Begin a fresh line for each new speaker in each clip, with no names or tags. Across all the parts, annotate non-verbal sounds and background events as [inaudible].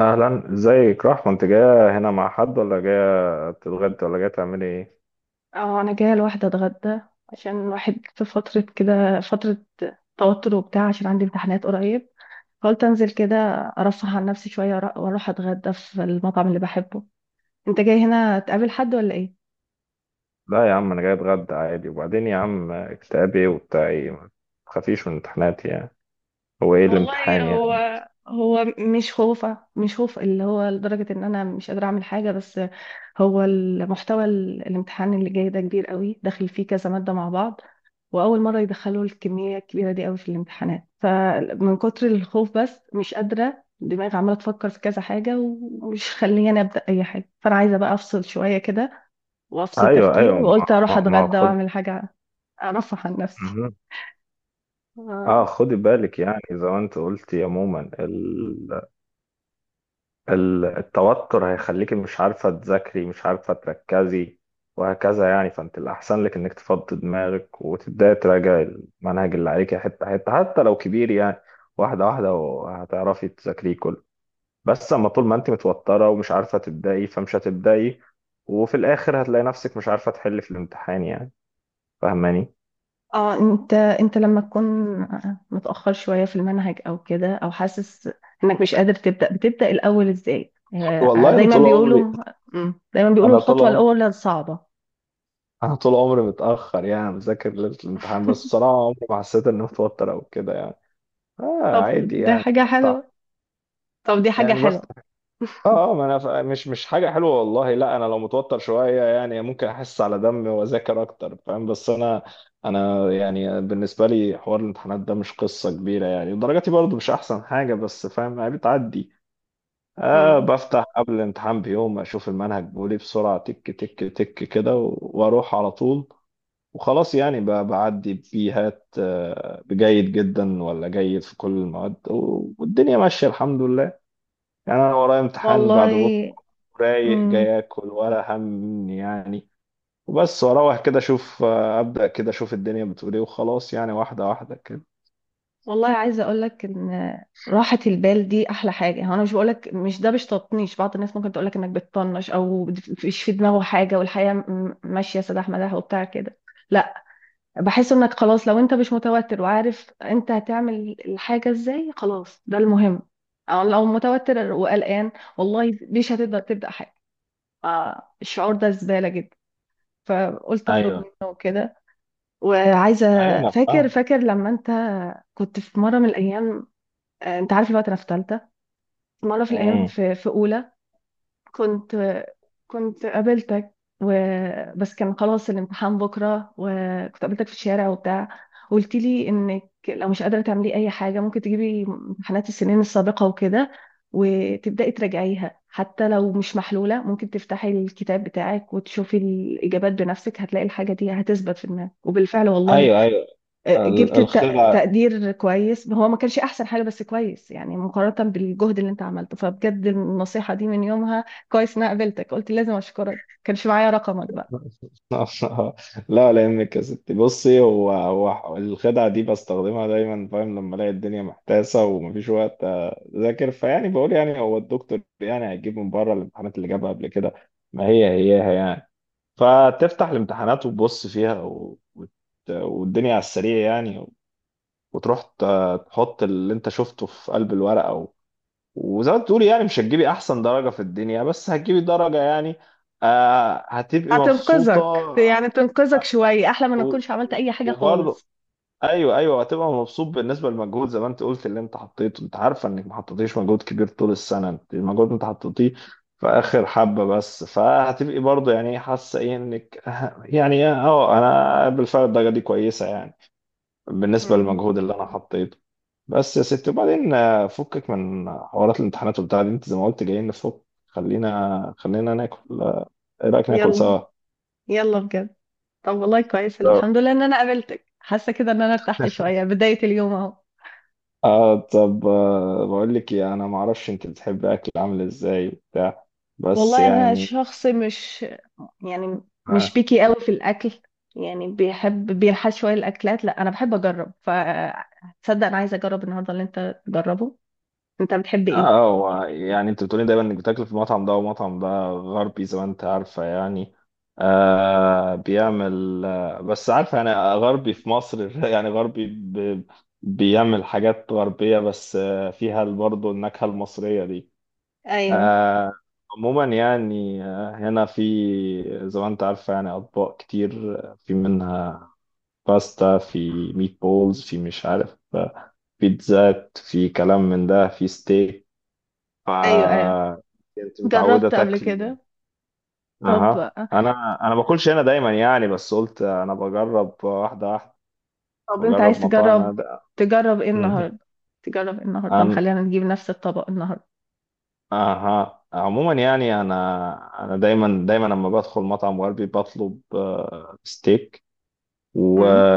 اهلا، ازيك رحمة؟ انت جاية هنا مع حد ولا جاية تتغدى ولا جاية تعملي ايه؟
اه، انا جايه لوحدي اتغدى عشان الواحد في فتره توتر وبتاع، عشان عندي امتحانات قريب. قلت انزل كده ارفه عن نفسي شويه، واروح اتغدى في المطعم اللي بحبه. انت جاي هنا تقابل حد ولا ايه؟
لا يا عم، انا جاي اتغدى عادي. وبعدين يا عم، اكتئاب ايه وبتاع ايه؟ ما تخافيش من امتحاناتي يعني. هو ايه
والله،
الامتحان
هو
يعني؟
هو مش خوف اللي هو لدرجة ان انا مش قادرة اعمل حاجة، بس هو المحتوى الامتحان اللي جاي ده كبير قوي، داخل فيه كذا مادة مع بعض، واول مرة يدخلوا الكمية الكبيرة دي قوي في الامتحانات، فمن كتر الخوف بس مش قادرة، دماغي عمالة تفكر في كذا حاجة ومش خليني ابدأ اي حاجة. فانا عايزة بقى افصل شوية كده وافصل
ايوه،
تفكير،
ايوه. ما
وقلت اروح
ما, ما
اتغدى
خد.
واعمل حاجة ارفه عن نفسي.
مهم. اه،
آه.
خدي بالك يعني، زي ما انت قلتي. عموما التوتر هيخليكي مش عارفة تذاكري، مش عارفة تركزي، وهكذا يعني. فانت الأحسن لك إنك تفضي دماغك وتبدأي تراجعي المنهج اللي عليكي حتة حتة، حتى لو كبير يعني. واحدة واحدة، وهتعرفي تذاكريه كله. بس أما طول ما أنت متوترة ومش عارفة تبدأي، فمش هتبدأي. وفي الآخر هتلاقي نفسك مش عارفة تحلي في الامتحان يعني. فاهماني؟
اه، انت لما تكون متأخر شوية في المنهج او كده، او حاسس انك مش قادر تبدأ، بتبدأ الاول ازاي؟ آه،
والله انا
دايما
طول
بيقولوا،
عمري
دايما بيقولوا
انا طول
الخطوة
عمري
الاولى صعبة.
انا طول عمري متاخر يعني، بذاكر ليله الامتحان. بس بصراحه عمري ما حسيت اني متوتر او كده يعني. اه،
طب
عادي
ده
يعني.
حاجة
بفتح
حلوة طب دي حاجة
يعني
حلوة
بفتح اه ما انا مش حاجه حلوه والله. لا، انا لو متوتر شويه يعني ممكن احس على دمي واذاكر اكتر، فاهم؟ بس انا، انا يعني بالنسبه لي حوار الامتحانات ده مش قصه كبيره يعني. درجاتي برضو مش احسن حاجه، بس فاهم يعني بتعدي.
مم.
بفتح قبل الامتحان بيوم، اشوف المنهج بيقول ايه بسرعه، تك تك تك كده، واروح على طول. وخلاص يعني بعدي بيهات. جيد جدا ولا جيد في كل المواد، والدنيا ماشيه الحمد لله. يعني انا ورايا امتحان بعد بكره،
والله.
رايق،
مم.
جاي اكل ولا هم يعني. وبس، واروح كده اشوف، ابدا كده اشوف الدنيا بتقول ايه وخلاص يعني، واحده واحده كده.
والله عايزة اقولك ان راحة البال دي احلى حاجة. هو انا مش بقولك، مش ده مش تطنيش، بعض الناس ممكن تقولك انك بتطنش او مش في دماغه حاجة والحياة ماشية سداح مداح وبتاع كده. لا، بحس انك خلاص لو انت مش متوتر وعارف انت هتعمل الحاجة ازاي، خلاص ده المهم. او لو متوتر وقلقان، والله مش هتقدر تبدأ حاجة. آه، الشعور ده زبالة جدا، فقلت اخرج
ايوه،
منه وكده، وعايزة.
ايوه، انا
فاكر
فاهم.
فاكر لما انت كنت في مرة من الايام، آه، انت عارف الوقت انا في تالتة، مرة في الايام
امم
في اولى، كنت كنت قابلتك و... بس كان خلاص الامتحان بكرة، وكنت قابلتك في الشارع وبتاع، قلت لي انك لو مش قادرة تعملي اي حاجة ممكن تجيبي امتحانات السنين السابقة وكده وتبدأي تراجعيها، حتى لو مش محلولة ممكن تفتحي الكتاب بتاعك وتشوفي الإجابات بنفسك، هتلاقي الحاجة دي هتثبت في دماغك. وبالفعل والله
ايوه، ايوه. ال-
جبت
الخدعه
تقدير كويس. هو ما كانش احسن حاجه بس كويس يعني، مقارنه بالجهد اللي انت عملته. فبجد النصيحه دي من يومها كويس ان انا قابلتك، قلت لازم اشكرك، كانش معايا رقمك بقى.
[laughs] لا، لا يهمك يا ستي. بصي، هو الخدعه دي بستخدمها دايما، فاهم؟ لما الاقي الدنيا محتاسه ومفيش وقت اذاكر، فيعني بقول يعني هو الدكتور يعني هيجيب من بره الامتحانات اللي جابها قبل كده؟ ما هي هيها يعني. فتفتح الامتحانات وتبص فيها، والدنيا على السريع يعني. وتروح تحط اللي انت شفته في قلب الورقة وزي ما بتقولي يعني مش هتجيبي احسن درجة في الدنيا، بس هتجيبي درجة يعني. هتبقي مبسوطة
هتنقذك يعني، تنقذك شويه، احلى ما
و...
نكونش عملت اي حاجه
وبرضه.
خالص.
ايوه، ايوه، هتبقى مبسوط بالنسبه للمجهود، زي ما انت قلت، اللي انت حطيته. انت عارفه انك ما حطيتيش مجهود كبير طول السنه، انت المجهود انت حطيتيه في اخر حبه، بس فهتبقي برضه يعني حاسه ايه انك [laughs] انا بالفعل الدرجه دي كويسه يعني بالنسبه
مم.
للمجهود اللي انا حطيته. بس يا ستي، وبعدين فكك من حوارات الامتحانات وبتاع دي. انت زي ما قلت جايين نفك. خلينا، خلينا ناكل. ايه رايك ناكل
يلا. مم.
سوا؟
يلا بجد. طب والله كويس الحمد لله ان انا قابلتك، حاسه كده ان انا ارتحت
[laughs]
شويه بدايه اليوم اهو.
اه، طب، بقول لك إيه، انا ما اعرفش انت بتحب اكل عامل ازاي وبتاع، بس
والله انا
يعني.
شخص مش يعني مش
اه
بيكي قوي في الاكل. يعني بيحب بينحاز شويه الاكلات، لا انا بحب اجرب، فتصدق انا عايزه اجرب النهارده اللي انت تجربه. انت بتحب ايه؟
هو يعني انت بتقولي دايما انك بتاكل في المطعم ده ومطعم ده غربي، زي ما انت عارفه يعني. بيعمل، بس عارفه يعني غربي في مصر [laughs] يعني غربي بيعمل حاجات غربيه، بس فيها برضه النكهه المصريه دي.
ايوه
آه عموما يعني هنا، في زي ما انت عارفه يعني اطباق كتير. في منها باستا، في ميت بولز، في مش عارف، بيتزات، في كلام من ده، في ستيك. ف
ايوه.
كنت متعودة
جربت قبل
تاكل؟
كده؟ طب.
اها، انا باكلش هنا دايما يعني، بس قلت انا بجرب واحدة واحدة،
طب انت
بجرب
عايز
مطاعم أنا
تجرب،
ده.
تجرب ايه
مهم.
النهارده؟
أنا،
خلينا نجيب نفس الطبق النهارده.
اها، عموما يعني انا دايما لما بدخل مطعم غربي بطلب، ستيك و...
امم.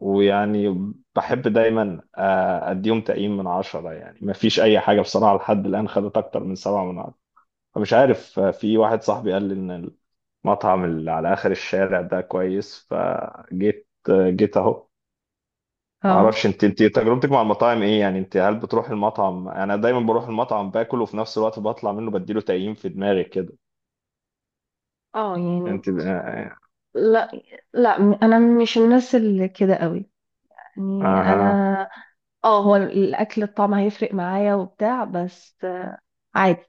ويعني بحب دايما، اديهم تقييم من عشرة يعني. ما فيش اي حاجة بصراحة لحد الان خدت اكتر من سبعة من عشرة. فمش عارف، في واحد صاحبي قال لي ان المطعم اللي على اخر الشارع ده كويس، فجيت آه، جيت اهو. ما
اه
اعرفش انت تجربتك مع المطاعم ايه يعني. انت، هل بتروح المطعم؟ انا دايما بروح المطعم باكل، وفي نفس الوقت بطلع منه بديله تقييم في دماغي كده.
اه يعني،
انت
لا، لا انا مش الناس اللي كده قوي. يعني
اها،
انا، اه، هو الاكل الطعم هيفرق معايا وبتاع، بس عادي،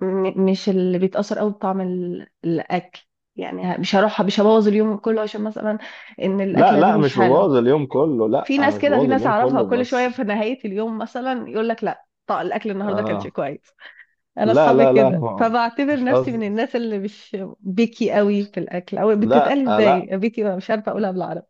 مش اللي بيتاثر قوي بطعم الاكل. يعني مش هروح، مش هبوظ اليوم كله عشان مثلا ان
لا،
الاكله دي
لا،
مش
مش
حلوه.
ببوظ اليوم كله. لا،
في
انا
ناس
مش
كده، في
ببوظ
ناس
اليوم
اعرفها
كله،
كل شويه
بس
في نهايه اليوم مثلا يقول لك لا طيب الاكل النهارده كانش
آه
كويس. انا
لا،
اصحابي
لا، لا، أنا
كده، فبعتبر
مش
نفسي من
قصدي.
الناس اللي مش بيكي قوي في الاكل، او
لا،
بتتقال ازاي؟
لا،
بيكي، مش عارفه اقولها بالعربي.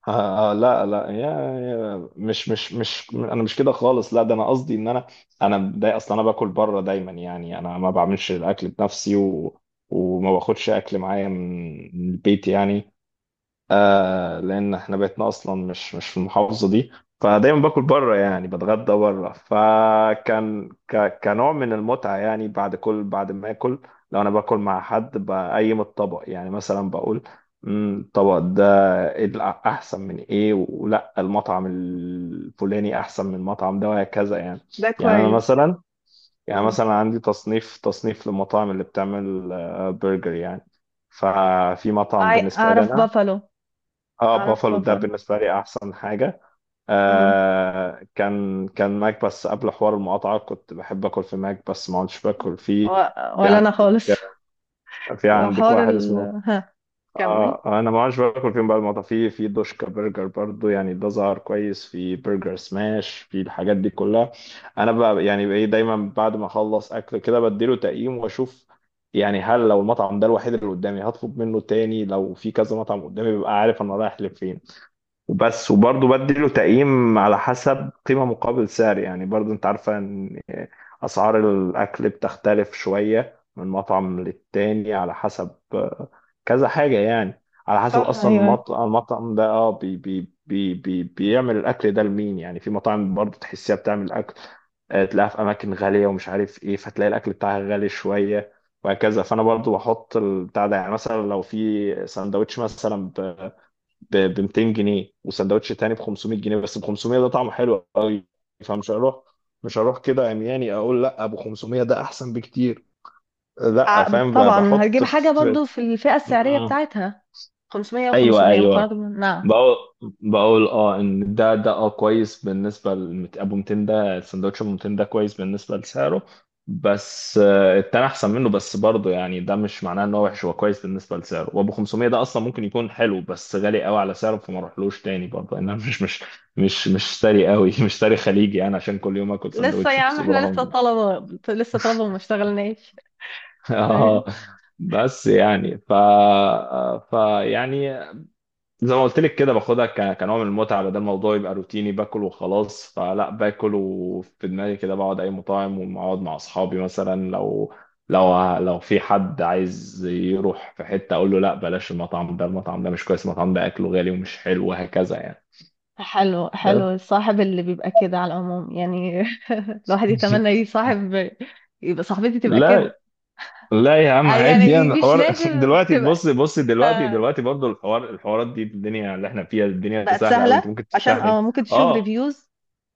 لا، لا، يا مش انا مش كده خالص. لا، ده انا قصدي ان انا، ده اصلا انا باكل بره دايما يعني. انا ما بعملش الاكل بنفسي وما باخدش اكل معايا من البيت يعني. لان احنا بيتنا اصلا مش في المحافظه دي. فدايما باكل بره يعني، بتغدى بره. فكان كنوع من المتعه يعني، بعد بعد ما اكل، لو انا باكل مع حد بقيم الطبق، يعني مثلا بقول: الطبق ده إيه، احسن من ايه، ولا المطعم الفلاني احسن من المطعم ده"، وهكذا يعني.
ده
يعني انا
كويس.
مثلا،
امم.
عندي تصنيف للمطاعم اللي بتعمل، برجر يعني. ففي مطعم
أع-
بالنسبه لي
اعرف
انا،
بافالو.
اه،
اعرف
بافالو ده
بافالو
بالنسبه لي احسن حاجه. كان، ماك. بس قبل حوار المقاطعه كنت بحب اكل في ماك، بس ما عدتش باكل
و...
فيه. في
ولا انا
عندك
خالص.
في عندك
حوار
واحد
ال،
اسمه،
ها؟ كمل.
انا ما عدتش باكل فيهم بقى المقاطعه. في دوشكا برجر برضو، يعني ده ظهر كويس. في برجر سماش، في الحاجات دي كلها. انا بقى يعني ايه، دايما بعد ما اخلص اكل كده بديله تقييم واشوف يعني، هل لو المطعم ده الوحيد اللي قدامي هطلب منه تاني؟ لو في كذا مطعم قدامي ببقى عارف انا رايح لفين وبس. وبرضه بديله تقييم على حسب قيمة مقابل سعر، يعني برضه انت عارفة ان اسعار الاكل بتختلف شوية من مطعم للتاني، على حسب كذا حاجة يعني. على حسب
صح،
اصلا
ايوه، أيوة.
المطعم، ده اه بي بي بي بي بيعمل الاكل ده لمين يعني. في مطاعم برضه تحسيها بتعمل اكل، تلاقيها في اماكن غالية، ومش عارف ايه، فتلاقي الاكل بتاعها غالي شوية، وهكذا. فانا برضه بحط البتاع ده يعني، مثلا لو في سندوتش مثلا ب 200 جنيه، وسندوتش تاني ب 500 جنيه، بس ب 500 ده طعمه حلو قوي، فمش هروح مش هروح كده عمياني اقول لا، ابو 500 ده احسن بكتير. لا، فاهم؟ ب-
طبعا هتجيب
بحط
حاجه
في
برضو في الفئه السعريه
مم.
بتاعتها، 500 و500
ايوه، ايوه،
مقارنه، نعم.
بقول، ان ده، كويس بالنسبه ابو 200 ده، السندوتش ابو 200 ده كويس بالنسبه لسعره، بس التاني احسن منه، بس برضه يعني ده مش معناه ان هو وحش، هو كويس بالنسبه لسعره. وابو 500 ده اصلا ممكن يكون حلو بس غالي قوي على سعره، فما اروحلوش تاني برضه. انا مش ساري قوي [laughs] مش ساري خليجي انا عشان كل يوم اكل
لسه
سندوتش،
يا عم،
بس
احنا لسه
برغم. [laughs]
طلبه لسه طلبه وما اشتغلناش. أيوة.
اه، بس يعني ف ف يعني زي ما قلت لك كده، باخدها كنوع من المتعه، بدل الموضوع يبقى روتيني باكل وخلاص. فلا، باكل وفي دماغي كده بقعد اي مطاعم واقعد مع اصحابي. مثلا لو في حد عايز يروح في حته، اقول له لا، بلاش المطعم ده، المطعم ده مش كويس، المطعم ده اكله غالي ومش حلو، وهكذا يعني.
حلو، حلو،
ده-
الصاحب اللي بيبقى كده على العموم يعني، [laughs] الواحد يتمنى
[laughs]
يصاحب، يبقى صاحبتي تبقى كده.
لا، لا يا عم،
آه،
عادي
يعني
يعني
مش
الحوار. [laughs]
لازم
دلوقتي،
تبقى.
بص بص، دلوقتي
آه.
دلوقتي برضه الحوار، الحوارات دي، الدنيا اللي احنا فيها، الدنيا
بقت
سهله قوي، انت
سهله،
ممكن
عشان
تفتحي.
اه ممكن تشوف
اه
ريفيوز.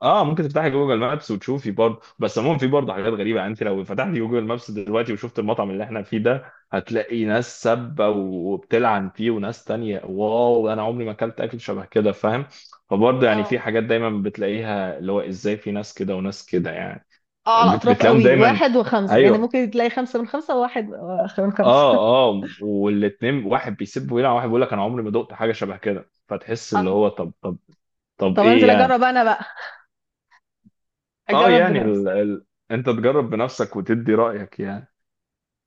اه ممكن تفتحي جوجل مابس وتشوفي برضه. بس عموما في برضه حاجات غريبه يعني. انت لو فتحتي جوجل مابس دلوقتي وشفت المطعم اللي احنا فيه ده، هتلاقي ناس سابه وبتلعن فيه، وناس تانية: واو، انا عمري ما اكلت اكل شبه كده، فاهم؟ فبرضه يعني في
اه
حاجات دايما بتلاقيها اللي هو ازاي في ناس كده وناس كده يعني،
اه، على
بت-
اطراف
بتلاقيهم
قوي،
دايما.
واحد وخمسه، يعني
ايوه،
ممكن تلاقي خمسه من خمسه وواحد من خمسه.
اه والاتنين، واحد بيسب ويلعن، واحد بيقول لك انا عمري ما دقت حاجه شبه كده، فتحس
اه،
اللي هو طب، طب، طب
طب
ايه
انزل اجرب
يعني.
انا بقى،
اه،
اجرب
يعني
بنفسي.
انت تجرب بنفسك وتدي رأيك يعني.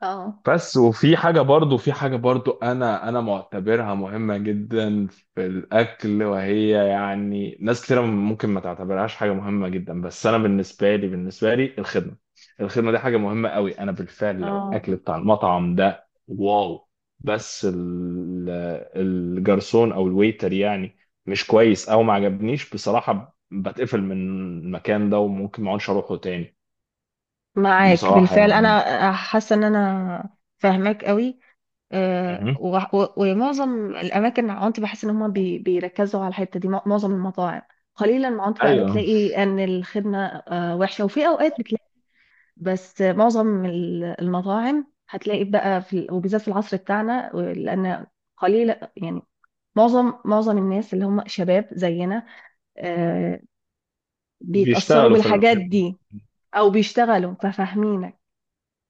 اه
بس وفي حاجة برضو، انا معتبرها مهمة جدا في الاكل، وهي يعني ناس كتير ممكن ما تعتبرهاش حاجة مهمة جدا، بس انا بالنسبة لي الخدمة، الخدمة دي حاجة مهمة قوي. انا بالفعل لو
اه،
الاكل بتاع المطعم ده واو، بس الجرسون او الويتر يعني مش كويس، او ما عجبنيش بصراحة، بتقفل من المكان ده وممكن ما اقعدش اروحه تاني
معاك
بصراحة
بالفعل،
يعني.
انا حاسه ان انا فاهماك قوي. آه،
مهم.
ومعظم الاماكن عندي بحس ان هم بيركزوا على الحته دي، معظم المطاعم. قليلا ما عندي بقى
أيوه،
بتلاقي ان الخدمه، آه، وحشه، وفي اوقات بتلاقي. بس معظم المطاعم هتلاقي بقى في، وبالذات في العصر بتاعنا، لان قليل يعني. معظم الناس اللي هم شباب زينا، آه، بيتأثروا
بيشتغلوا في
بالحاجات
المكان.
دي او بيشتغلوا، ففاهمينك.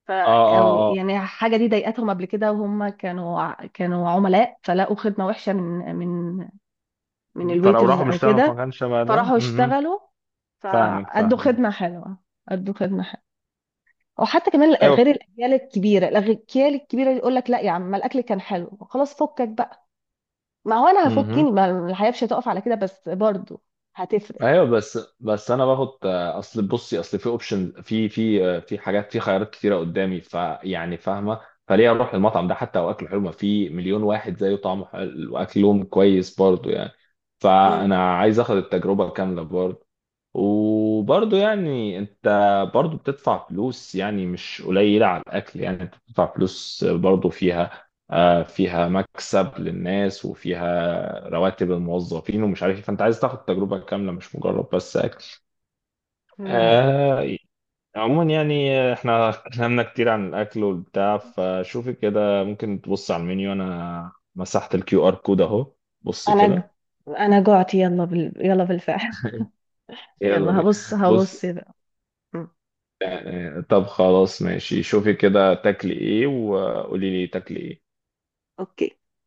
ف،
آه
او
آه آه
يعني حاجه دي ضايقتهم قبل كده وهم كانوا عملاء، فلقوا خدمه وحشه من من
فلو
الويترز
راحوا
او
بيشتغلوا في
كده،
مكان شبه ده.
فراحوا يشتغلوا
فاهمك،
فادوا
فاهمك.
خدمه حلوه. ادوا خدمه. او حتى كمان
أيوه.
غير الاجيال الكبيره، الاجيال الكبيره اللي يقول لك لا يا عم ما الاكل كان حلو خلاص فكك بقى. ما هو انا هفكني،
مهم.
ما الحياه مش هتقف على كده، بس برضو هتفرق.
أيوه، بس، أنا باخد، أصل بصي، أصل في أوبشن في حاجات، في خيارات كتيرة قدامي، فيعني فاهمة؟ فليه أروح المطعم ده حتى لو أكله حلو؟ ما في مليون واحد زيه طعمه حلو وأكلهم كويس برضه يعني.
مم.
فأنا عايز آخد التجربة كاملة برضه. وبرضه يعني انت، برضه بتدفع فلوس يعني مش قليلة على الأكل، يعني انت بتدفع فلوس برضه فيها، فيها مكسب للناس وفيها رواتب الموظفين ومش عارف ايه. فانت عايز تاخد تجربة كاملة، مش مجرد بس أكل.
نعم.
آه، عموما يعني احنا اتكلمنا كتير عن الأكل والبتاع. فشوفي كده، ممكن تبص على المنيو. أنا مسحت الـ QR code أهو. بص
انا ج-
كده.
انا جعت، يلا بالفعل.
يلا
يلا،
بينا.
هبص
بص.
هبص بقى. مم.
يعني طب خلاص ماشي، شوفي كده تاكلي ايه، وقولي لي تاكلي ايه.
اوكي.